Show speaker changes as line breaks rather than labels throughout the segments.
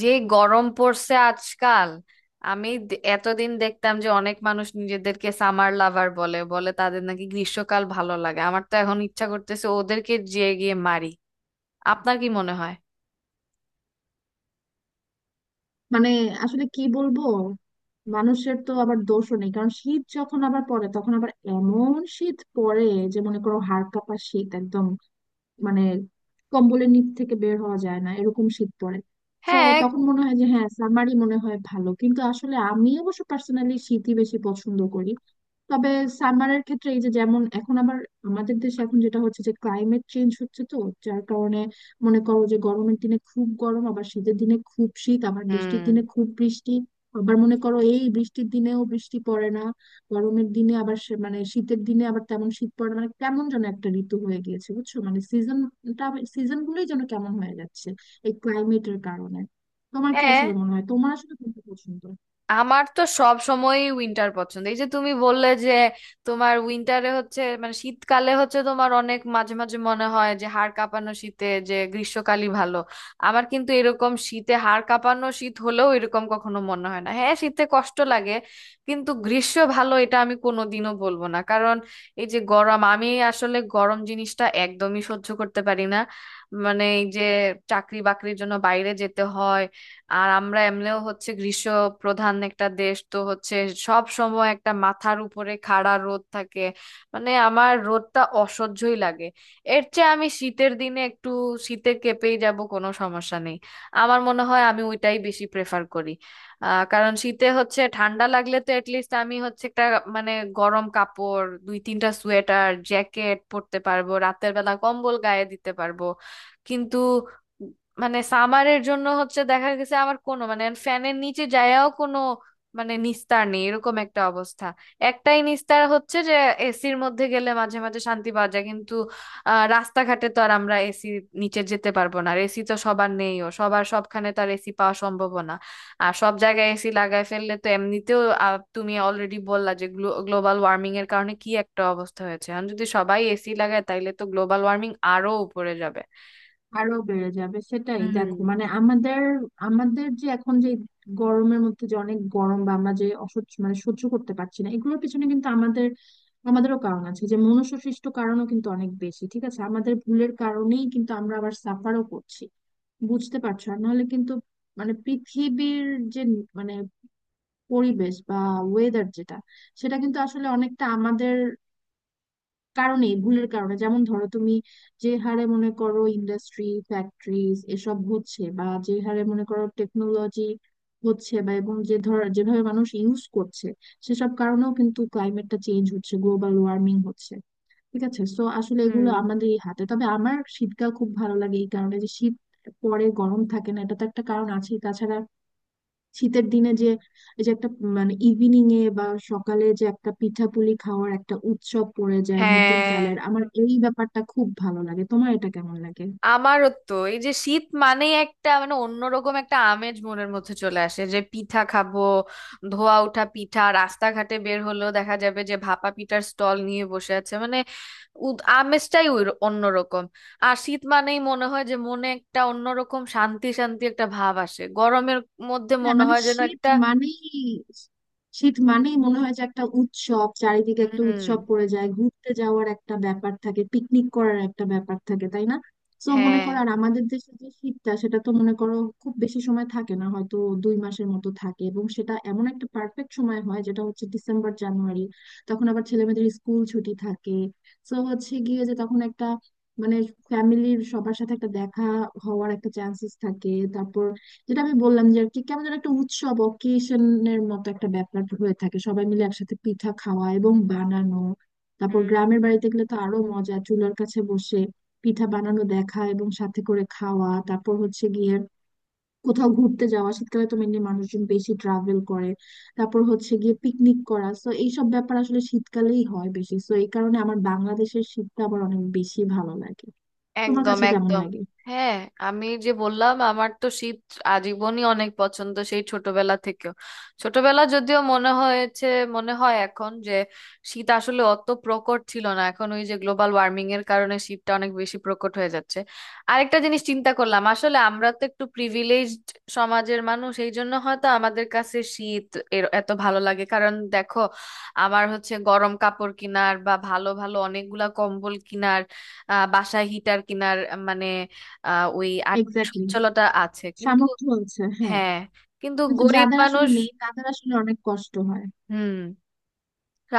যে গরম পড়ছে আজকাল। আমি এতদিন দেখতাম যে অনেক মানুষ নিজেদেরকে সামার লাভার বলে বলে তাদের নাকি গ্রীষ্মকাল ভালো লাগে। আমার তো এখন ইচ্ছা করতেছে ওদেরকে যেয়ে গিয়ে মারি। আপনার কি মনে হয়?
মানে আসলে কি বলবো? মানুষের তো আবার দোষও নেই, কারণ শীত যখন আবার পড়ে তখন আবার এমন শীত পড়ে যে মনে করো হাড় কাঁপা শীত একদম, মানে কম্বলের নিচ থেকে বের হওয়া যায় না এরকম শীত পড়ে। তো
হ্যাঁ।
তখন মনে হয় যে হ্যাঁ, সামারই মনে হয় ভালো, কিন্তু আসলে আমি অবশ্য পার্সোনালি শীতই বেশি পছন্দ করি। তবে সামারের ক্ষেত্রে এই যে, যেমন এখন আবার আমাদের দেশে এখন যেটা হচ্ছে যে ক্লাইমেট চেঞ্জ হচ্ছে, তো যার কারণে মনে করো যে গরমের দিনে খুব গরম, আবার শীতের দিনে খুব শীত, আবার বৃষ্টির
হুম।
দিনে খুব বৃষ্টি, আবার মনে করো এই বৃষ্টির দিনেও বৃষ্টি পড়ে না, গরমের দিনে আবার মানে শীতের দিনে আবার তেমন শীত পড়ে না। মানে কেমন যেন একটা ঋতু হয়ে গিয়েছে, বুঝছো, মানে সিজনটা, সিজন গুলোই যেন কেমন হয়ে যাচ্ছে এই ক্লাইমেটের কারণে। তোমার কি
হ্যাঁ,
আসলে মনে হয়, তোমার আসলে কোনটা পছন্দ?
আমার তো সব সময়ই উইন্টার পছন্দ। এই যে তুমি বললে যে তোমার উইন্টারে হচ্ছে মানে শীতকালে হচ্ছে তোমার অনেক মাঝে মাঝে মনে হয় যে হাড় কাঁপানো শীতে যে গ্রীষ্মকালই ভালো। আমার কিন্তু এরকম শীতে হাড় কাঁপানো শীত হলেও এরকম কখনো মনে হয় না হ্যাঁ শীতে কষ্ট লাগে, কিন্তু গ্রীষ্ম ভালো এটা আমি কোনোদিনও বলবো না। কারণ এই যে গরম, আমি আসলে গরম জিনিসটা একদমই সহ্য করতে পারি না। মানে এই যে চাকরি বাকরির জন্য বাইরে যেতে হয়, আর আমরা এমনিও হচ্ছে গ্রীষ্ম প্রধান একটা দেশ তো হচ্ছে, সব সময় একটা মাথার উপরে খাড়া রোদ থাকে। মানে আমার রোদটা অসহ্যই লাগে। এর চেয়ে আমি শীতের দিনে একটু শীতে কেঁপেই যাব, কোনো সমস্যা নেই। আমার মনে হয় আমি ওইটাই বেশি প্রেফার করি। কারণ শীতে হচ্ছে ঠান্ডা লাগলে তো এটলিস্ট আমি হচ্ছে একটা মানে গরম কাপড়, দুই তিনটা সোয়েটার জ্যাকেট পরতে পারবো, রাতের বেলা কম্বল গায়ে দিতে পারবো। কিন্তু মানে সামারের জন্য হচ্ছে দেখা গেছে আমার কোনো মানে ফ্যানের নিচে যায়াও কোনো মানে নিস্তার নেই, এরকম একটা অবস্থা। একটাই নিস্তার হচ্ছে যে এসির মধ্যে গেলে মাঝে মাঝে শান্তি পাওয়া যায়, কিন্তু রাস্তাঘাটে তো আর আমরা এসি নিচে যেতে পারবো না, আর এসি তো সবার নেইও, সবার সবখানে তো আর এসি পাওয়া সম্ভব না। আর সব জায়গায় এসি লাগায় ফেললে তো এমনিতেও তুমি অলরেডি বললা যে গ্লোবাল ওয়ার্মিং এর কারণে কি একটা অবস্থা হয়েছে, আর যদি সবাই এসি লাগায় তাইলে তো গ্লোবাল ওয়ার্মিং আরো উপরে যাবে।
আরো বেড়ে যাবে, সেটাই
হুম।
দেখো, মানে আমাদের, আমাদের যে এখন যে গরমের মধ্যে যে অনেক গরম বা আমরা যে অসহ্য, মানে সহ্য করতে পারছি না, এগুলোর পিছনে কিন্তু আমাদেরও কারণ আছে, যে মনুষ্য সৃষ্ট কারণও কিন্তু অনেক বেশি, ঠিক আছে? আমাদের ভুলের কারণেই কিন্তু আমরা আবার সাফারও করছি, বুঝতে পারছো? আর নাহলে কিন্তু, মানে পৃথিবীর যে, মানে পরিবেশ বা ওয়েদার যেটা, সেটা কিন্তু আসলে অনেকটা আমাদের কারণেই, ভুলের কারণে। যেমন ধরো তুমি, যে হারে মনে করো ইন্ডাস্ট্রি, ফ্যাক্টরিজ এসব হচ্ছে, বা যে হারে মনে করো টেকনোলজি হচ্ছে, বা এবং যে, ধর যেভাবে মানুষ ইউজ করছে, সেসব কারণেও কিন্তু ক্লাইমেটটা চেঞ্জ হচ্ছে, গ্লোবাল ওয়ার্মিং হচ্ছে। ঠিক আছে, সো আসলে এগুলো
হুম
আমাদেরই হাতে। তবে আমার শীতকাল খুব ভালো লাগে এই কারণে যে শীত পরে গরম থাকে না, এটা তো একটা কারণ আছে। তাছাড়া শীতের দিনে যে, এই যে একটা, মানে ইভিনিং এ বা সকালে যে একটা পিঠাপুলি খাওয়ার একটা উৎসব পড়ে যায় নতুন
হ্যাঁ,
চালের, আমার এই ব্যাপারটা খুব ভালো লাগে। তোমার এটা কেমন লাগে?
আমারও তো এই যে শীত মানেই একটা মানে অন্যরকম একটা আমেজ মনের মধ্যে চলে আসে যে পিঠা খাবো, ধোয়া ওঠা পিঠা। রাস্তাঘাটে বের হলেও দেখা যাবে যে ভাপা পিঠার স্টল নিয়ে বসে আছে। মানে আমেজটাই ওই অন্যরকম। আর শীত মানেই মনে হয় যে মনে একটা অন্যরকম শান্তি শান্তি একটা ভাব আসে, গরমের মধ্যে
হ্যাঁ,
মনে
মানে
হয় যেন
শীত
একটা।
মানেই, শীত মানেই মনে হয় যে একটা উৎসব, চারিদিকে একটা
হুম।
উৎসব পড়ে যায়, ঘুরতে যাওয়ার একটা ব্যাপার থাকে, পিকনিক করার একটা ব্যাপার থাকে, তাই না? তো মনে
হ্যাঁ।
করো আর আমাদের দেশে যে শীতটা, সেটা তো মনে করো খুব বেশি সময় থাকে না, হয়তো 2 মাসের মতো থাকে, এবং সেটা এমন একটা পারফেক্ট সময় হয়, যেটা হচ্ছে ডিসেম্বর জানুয়ারি। তখন আবার ছেলেমেয়েদের স্কুল ছুটি থাকে, তো হচ্ছে গিয়ে যে তখন একটা, মানে ফ্যামিলির সবার সাথে একটা দেখা হওয়ার একটা চান্সেস থাকে। তারপর যেটা আমি বললাম, যে আর কি কেমন যেন একটা উৎসব অকেশনের মতো একটা ব্যাপার হয়ে থাকে, সবাই মিলে একসাথে পিঠা খাওয়া এবং বানানো। তারপর গ্রামের বাড়িতে গেলে তো আরো মজা, চুলার কাছে বসে পিঠা বানানো দেখা এবং সাথে করে খাওয়া। তারপর হচ্ছে গিয়ে কোথাও ঘুরতে যাওয়া, শীতকালে তো মেনলি মানুষজন বেশি ট্রাভেল করে। তারপর হচ্ছে গিয়ে পিকনিক করা, তো এইসব ব্যাপার আসলে শীতকালেই হয় বেশি, তো এই কারণে আমার বাংলাদেশের শীতটা আবার অনেক বেশি ভালো লাগে। তোমার
একদম,
কাছে কেমন
একদম।
লাগে?
হ্যাঁ, আমি যে বললাম আমার তো শীত আজীবনই অনেক পছন্দ, সেই ছোটবেলা থেকেও। ছোটবেলা যদিও মনে হয়েছে, মনে হয় এখন যে শীত আসলে অত প্রকট ছিল না, এখন ওই যে গ্লোবাল ওয়ার্মিং এর কারণে শীতটা অনেক বেশি প্রকট হয়ে যাচ্ছে। আরেকটা জিনিস চিন্তা করলাম, আসলে আমরা তো একটু প্রিভিলেজড সমাজের মানুষ, এই জন্য হয়তো আমাদের কাছে শীত এর এত ভালো লাগে। কারণ দেখো, আমার হচ্ছে গরম কাপড় কিনার বা ভালো ভালো অনেকগুলা কম্বল কিনার, বাসায় হিটার কিনার, মানে ওই আর্থিক
এক্স্যাক্টলি,
সচ্ছলতা আছে। কিন্তু
সামর্থ্য আছে, হ্যাঁ।
হ্যাঁ। কিন্তু
কিন্তু
গরিব
যাদের আসলে
মানুষ।
নেই তাদের আসলে অনেক কষ্ট হয়,
হুম।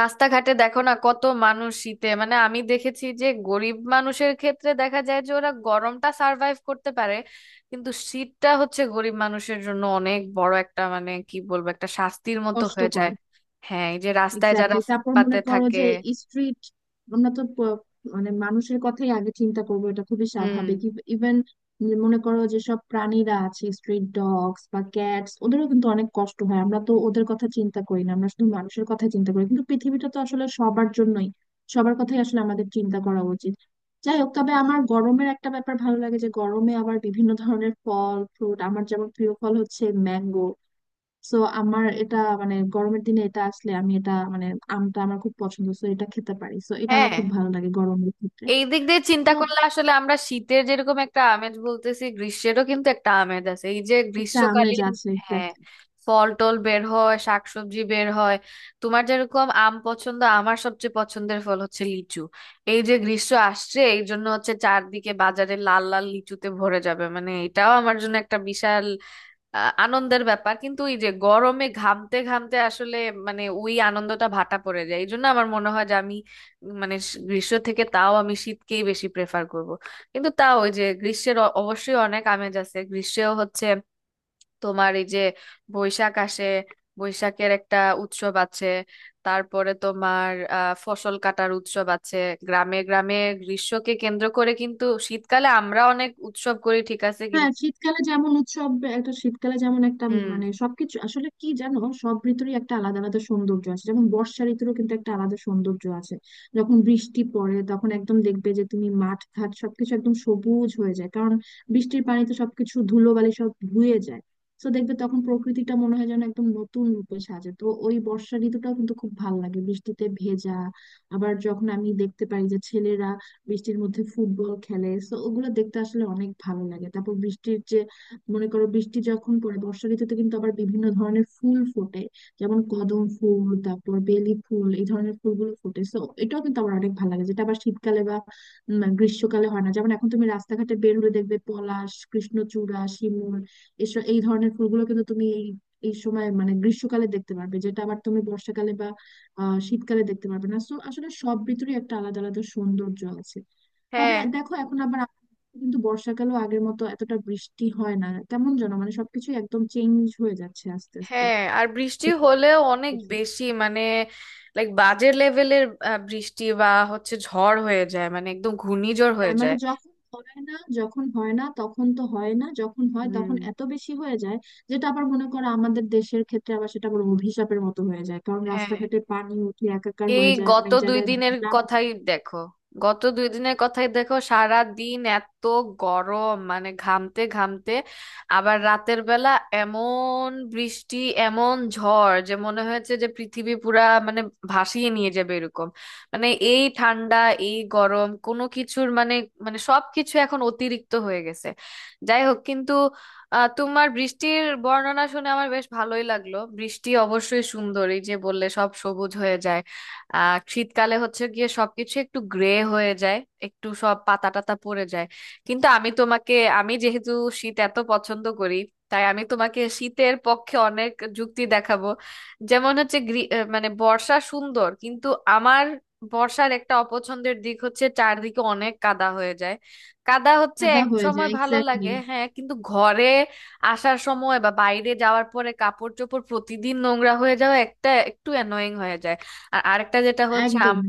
রাস্তাঘাটে দেখো না কত মানুষ শীতে, মানে আমি দেখেছি যে গরিব মানুষের ক্ষেত্রে দেখা যায় যে ওরা গরমটা সার্ভাইভ করতে পারে, কিন্তু শীতটা হচ্ছে গরিব মানুষের জন্য অনেক বড় একটা মানে কি বলবো, একটা শাস্তির মতো হয়ে যায়।
কষ্টকর।
হ্যাঁ, এই যে রাস্তায় যারা
এক্স্যাক্টলি, তারপর
ফুটপাতে
মনে করো
থাকে।
যে স্ট্রিট, আমরা তো মানে মানুষের কথাই আগে চিন্তা করবো, এটা খুবই
হুম।
স্বাভাবিক। ইভেন মনে করো যেসব প্রাণীরা আছে, স্ট্রিট ডগস বা ক্যাটস, ওদেরও কিন্তু অনেক কষ্ট হয়। আমরা তো ওদের কথা চিন্তা করি না, আমরা শুধু মানুষের কথা চিন্তা করি, কিন্তু পৃথিবীটা তো আসলে সবার জন্যই, সবার কথাই আসলে আমাদের চিন্তা করা উচিত। যাই হোক, তবে আমার গরমের একটা ব্যাপার ভালো লাগে, যে গরমে আবার বিভিন্ন ধরনের ফল ফ্রুট, আমার যেমন প্রিয় ফল হচ্ছে ম্যাঙ্গো, সো আমার এটা, মানে গরমের দিনে এটা আসলে আমি এটা, মানে আমটা আমার খুব পছন্দ, সো এটা খেতে পারি, সো এটা আমার
হ্যাঁ,
খুব ভালো লাগে গরমের ক্ষেত্রে।
এই দিক দিয়ে চিন্তা
তো
করলে আসলে আমরা শীতের যেরকম একটা আমেজ বলতেছি, গ্রীষ্মেরও কিন্তু একটা আমেজ আছে, এই যে
একটা আমেজ
গ্রীষ্মকালীন।
আছে।
হ্যাঁ, ফল টল বের হয়, শাকসবজি বের হয়। তোমার যেরকম আম পছন্দ, আমার সবচেয়ে পছন্দের ফল হচ্ছে লিচু। এই যে গ্রীষ্ম আসছে, এই জন্য হচ্ছে চারদিকে বাজারে লাল লাল লিচুতে ভরে যাবে, মানে এটাও আমার জন্য একটা বিশাল আনন্দের ব্যাপার। কিন্তু এই যে গরমে ঘামতে ঘামতে আসলে মানে ওই আনন্দটা ভাটা পড়ে যায়, এই জন্য আমার মনে হয় যে আমি মানে গ্রীষ্ম থেকে তাও আমি শীতকেই বেশি প্রেফার করব। কিন্তু তাও ওই যে গ্রীষ্মের অবশ্যই অনেক আমেজ আছে, গ্রীষ্মেও হচ্ছে তোমার এই যে বৈশাখ আসে, বৈশাখের একটা উৎসব আছে। তারপরে তোমার ফসল কাটার উৎসব আছে গ্রামে গ্রামে গ্রীষ্মকে কেন্দ্র করে। কিন্তু শীতকালে আমরা অনেক উৎসব করি, ঠিক আছে?
হ্যাঁ,
কিন্তু
শীতকালে যেমন উৎসব, একটা শীতকালে যেমন একটা,
হুম।
মানে সবকিছু আসলে কি জানো, সব ঋতুরই একটা আলাদা আলাদা সৌন্দর্য আছে, যেমন বর্ষা ঋতুরও কিন্তু একটা আলাদা সৌন্দর্য আছে। যখন বৃষ্টি পড়ে তখন একদম দেখবে যে তুমি মাঠ ঘাট সবকিছু একদম সবুজ হয়ে যায়, কারণ বৃষ্টির পানিতে সবকিছু ধুলোবালি সব ধুয়ে যায়। তো দেখবে তখন প্রকৃতিটা মনে হয় যেন একদম নতুন রূপে সাজে, তো ওই বর্ষা ঋতুটাও কিন্তু খুব ভালো লাগে, বৃষ্টিতে ভেজা। আবার যখন আমি দেখতে পাই যে ছেলেরা বৃষ্টির মধ্যে ফুটবল খেলে, তো ওগুলো দেখতে আসলে অনেক ভালো লাগে। তারপর বৃষ্টির যে, মনে করো বৃষ্টি যখন পড়ে বর্ষা ঋতুতে কিন্তু আবার বিভিন্ন ধরনের ফুল ফোটে, যেমন কদম ফুল, তারপর বেলি ফুল, এই ধরনের ফুলগুলো ফোটে, তো এটাও কিন্তু আমার অনেক ভালো লাগে, যেটা আবার শীতকালে বা গ্রীষ্মকালে হয় না। যেমন এখন তুমি রাস্তাঘাটে বের হলে দেখবে পলাশ, কৃষ্ণচূড়া, শিমুল, এসব এই ধরনের ফুলগুলো কিন্তু তুমি এই, এই সময় মানে গ্রীষ্মকালে দেখতে পারবে, যেটা আবার তুমি বর্ষাকালে বা শীতকালে দেখতে পারবে না, সো আসলে সব ঋতুরই একটা আলাদা আলাদা সৌন্দর্য আছে। তবে
হ্যাঁ।
দেখো এখন আবার আমাদের কিন্তু বর্ষাকালেও আগের মতো এতটা বৃষ্টি হয় না, কেমন যেন মানে সবকিছু একদম চেঞ্জ হয়ে যাচ্ছে আস্তে আস্তে।
হ্যাঁ, আর বৃষ্টি হলেও অনেক বেশি, মানে লাইক বাজে লেভেলের বৃষ্টি, বা হচ্ছে ঝড় হয়ে যায়, মানে একদম ঘূর্ণিঝড় হয়ে
হ্যাঁ, মানে
যায়।
যখন হয় না, যখন হয় না তখন তো হয় না, যখন হয়
হুম।
তখন এত বেশি হয়ে যায়, যেটা আবার মনে করো আমাদের দেশের ক্ষেত্রে আবার সেটা আবার অভিশাপের মতো হয়ে যায়, কারণ
হ্যাঁ,
রাস্তাঘাটে পানি উঠে একাকার
এই
হয়ে যায়,
গত
অনেক
দুই
জায়গায়
দিনের
বন্যা
কথাই
হয়।
দেখো, সারা দিন এত গরম, মানে ঘামতে ঘামতে, আবার রাতের বেলা এমন বৃষ্টি, এমন ঝড় যে মনে হয়েছে যে পৃথিবী পুরা মানে ভাসিয়ে নিয়ে যাবে এরকম। মানে এই ঠান্ডা, এই গরম, কোনো কিছুর মানে, মানে সবকিছু এখন অতিরিক্ত হয়ে গেছে। যাই হোক, কিন্তু তোমার বৃষ্টির বর্ণনা শুনে আমার বেশ ভালোই লাগলো। বৃষ্টি অবশ্যই সুন্দর, এই যে বললে সব সবুজ হয়ে যায়। শীতকালে হচ্ছে গিয়ে সবকিছু একটু গ্রে হয়ে যায়, একটু সব পাতা টাতা পড়ে যায়। কিন্তু আমি তোমাকে, আমি যেহেতু শীত এত পছন্দ করি, তাই আমি তোমাকে শীতের পক্ষে অনেক যুক্তি দেখাবো। যেমন হচ্ছে মানে বর্ষা সুন্দর, কিন্তু আমার বর্ষার একটা অপছন্দের দিক হচ্ছে চারদিকে অনেক কাদা হয়ে যায়। কাদা হচ্ছে
কাদা
এক
হয়ে
সময়
যায়,
ভালো
এক্স্যাক্টলি।
লাগে হ্যাঁ, কিন্তু ঘরে আসার সময় বা বাইরে যাওয়ার পরে কাপড় চোপড় প্রতিদিন নোংরা হয়ে যাওয়া একটা একটু অ্যানোয়িং হয়ে যায়। আর আরেকটা যেটা হচ্ছে
একদম,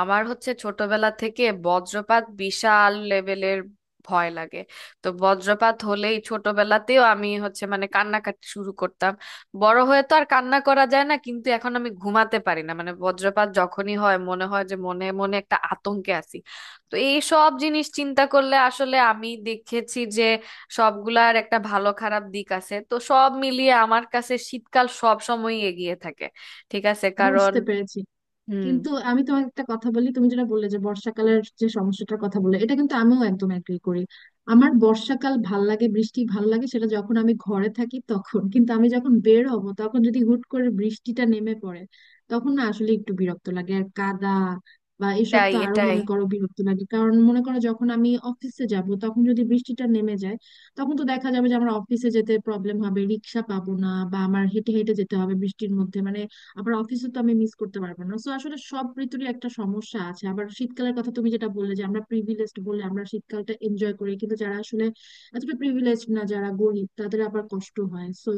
আমার হচ্ছে ছোটবেলা থেকে বজ্রপাত বিশাল লেভেলের ভয় লাগে। তো বজ্রপাত হলেই ছোটবেলাতেও আমি হচ্ছে মানে কান্নাকাটি শুরু করতাম। বড় হয়ে তো আর কান্না করা যায় না, কিন্তু এখন আমি ঘুমাতে পারি না, মানে বজ্রপাত যখনই হয় মনে হয় যে মনে মনে একটা আতঙ্কে আছি। তো এই সব জিনিস চিন্তা করলে আসলে আমি দেখেছি যে সবগুলার একটা ভালো খারাপ দিক আছে, তো সব মিলিয়ে আমার কাছে শীতকাল সব সময়ই এগিয়ে থাকে, ঠিক আছে? কারণ
বুঝতে পেরেছি।
হুম।
কিন্তু আমি তোমাকে একটা কথা বলি, তুমি যেটা বললে যে বর্ষাকালের যে সমস্যাটার কথা বললে, এটা কিন্তু আমিও একদম এগ্রি করি। আমার বর্ষাকাল ভাল লাগে, বৃষ্টি ভাল লাগে সেটা যখন আমি ঘরে থাকি তখন, কিন্তু আমি যখন বের হব তখন যদি হুট করে বৃষ্টিটা নেমে পড়ে, তখন না আসলে একটু বিরক্ত লাগে, আর কাদা বা এসব
তাই
তো আরো
এটাই।
মনে করো বিরক্ত লাগে। কারণ মনে করো যখন আমি অফিসে যাব তখন যদি বৃষ্টিটা নেমে যায়, তখন তো দেখা যাবে যে আমার অফিসে যেতে প্রবলেম হবে, রিক্সা পাবো না বা আমার হেঁটে হেঁটে যেতে হবে বৃষ্টির মধ্যে, মানে আবার অফিসে তো আমি মিস করতে পারবো না, সো আসলে সব ঋতুরই একটা সমস্যা আছে। আবার শীতকালের কথা তুমি যেটা বললে যে আমরা প্রিভিলেজড বলে আমরা শীতকালটা এনজয় করি, কিন্তু যারা আসলে এতটা প্রিভিলেজড না, যারা গরিব, তাদের আবার কষ্ট হয়। সো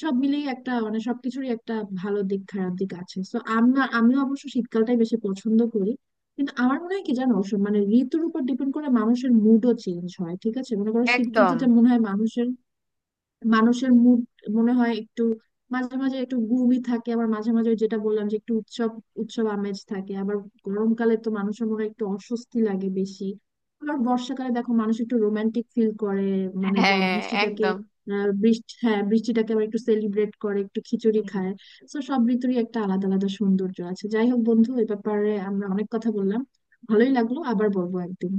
সব মিলিয়ে একটা, মানে সবকিছুরই একটা ভালো দিক, খারাপ দিক আছে, সো আমরা, আমিও অবশ্য শীতকালটাই বেশি পছন্দ করি। কিন্তু আমার মনে হয় কি জানো, সব মানে ঋতুর উপর ডিপেন্ড করে মানুষের মুডও চেঞ্জ হয়, ঠিক আছে? মনে করো শীত
একদম।
ঋতুতে মনে হয় মানুষের মানুষের মুড মনে হয় একটু, মাঝে মাঝে একটু গুমই থাকে, আবার মাঝে মাঝে ওই যেটা বললাম যে একটু উৎসব উৎসব আমেজ থাকে। আবার গরমকালে তো মানুষের মনে হয় একটু অস্বস্তি লাগে বেশি। আবার বর্ষাকালে দেখো মানুষ একটু রোমান্টিক ফিল করে, মানে
হ্যাঁ,
বৃষ্টিটাকে,
একদম।
বৃষ্টি, হ্যাঁ বৃষ্টিটাকে আবার একটু সেলিব্রেট করে, একটু খিচুড়ি
হুম।
খায়। তো সব ঋতুরই একটা আলাদা আলাদা সৌন্দর্য আছে। যাই হোক বন্ধু, এ ব্যাপারে আমরা অনেক কথা বললাম, ভালোই লাগলো। আবার বলবো একদিন।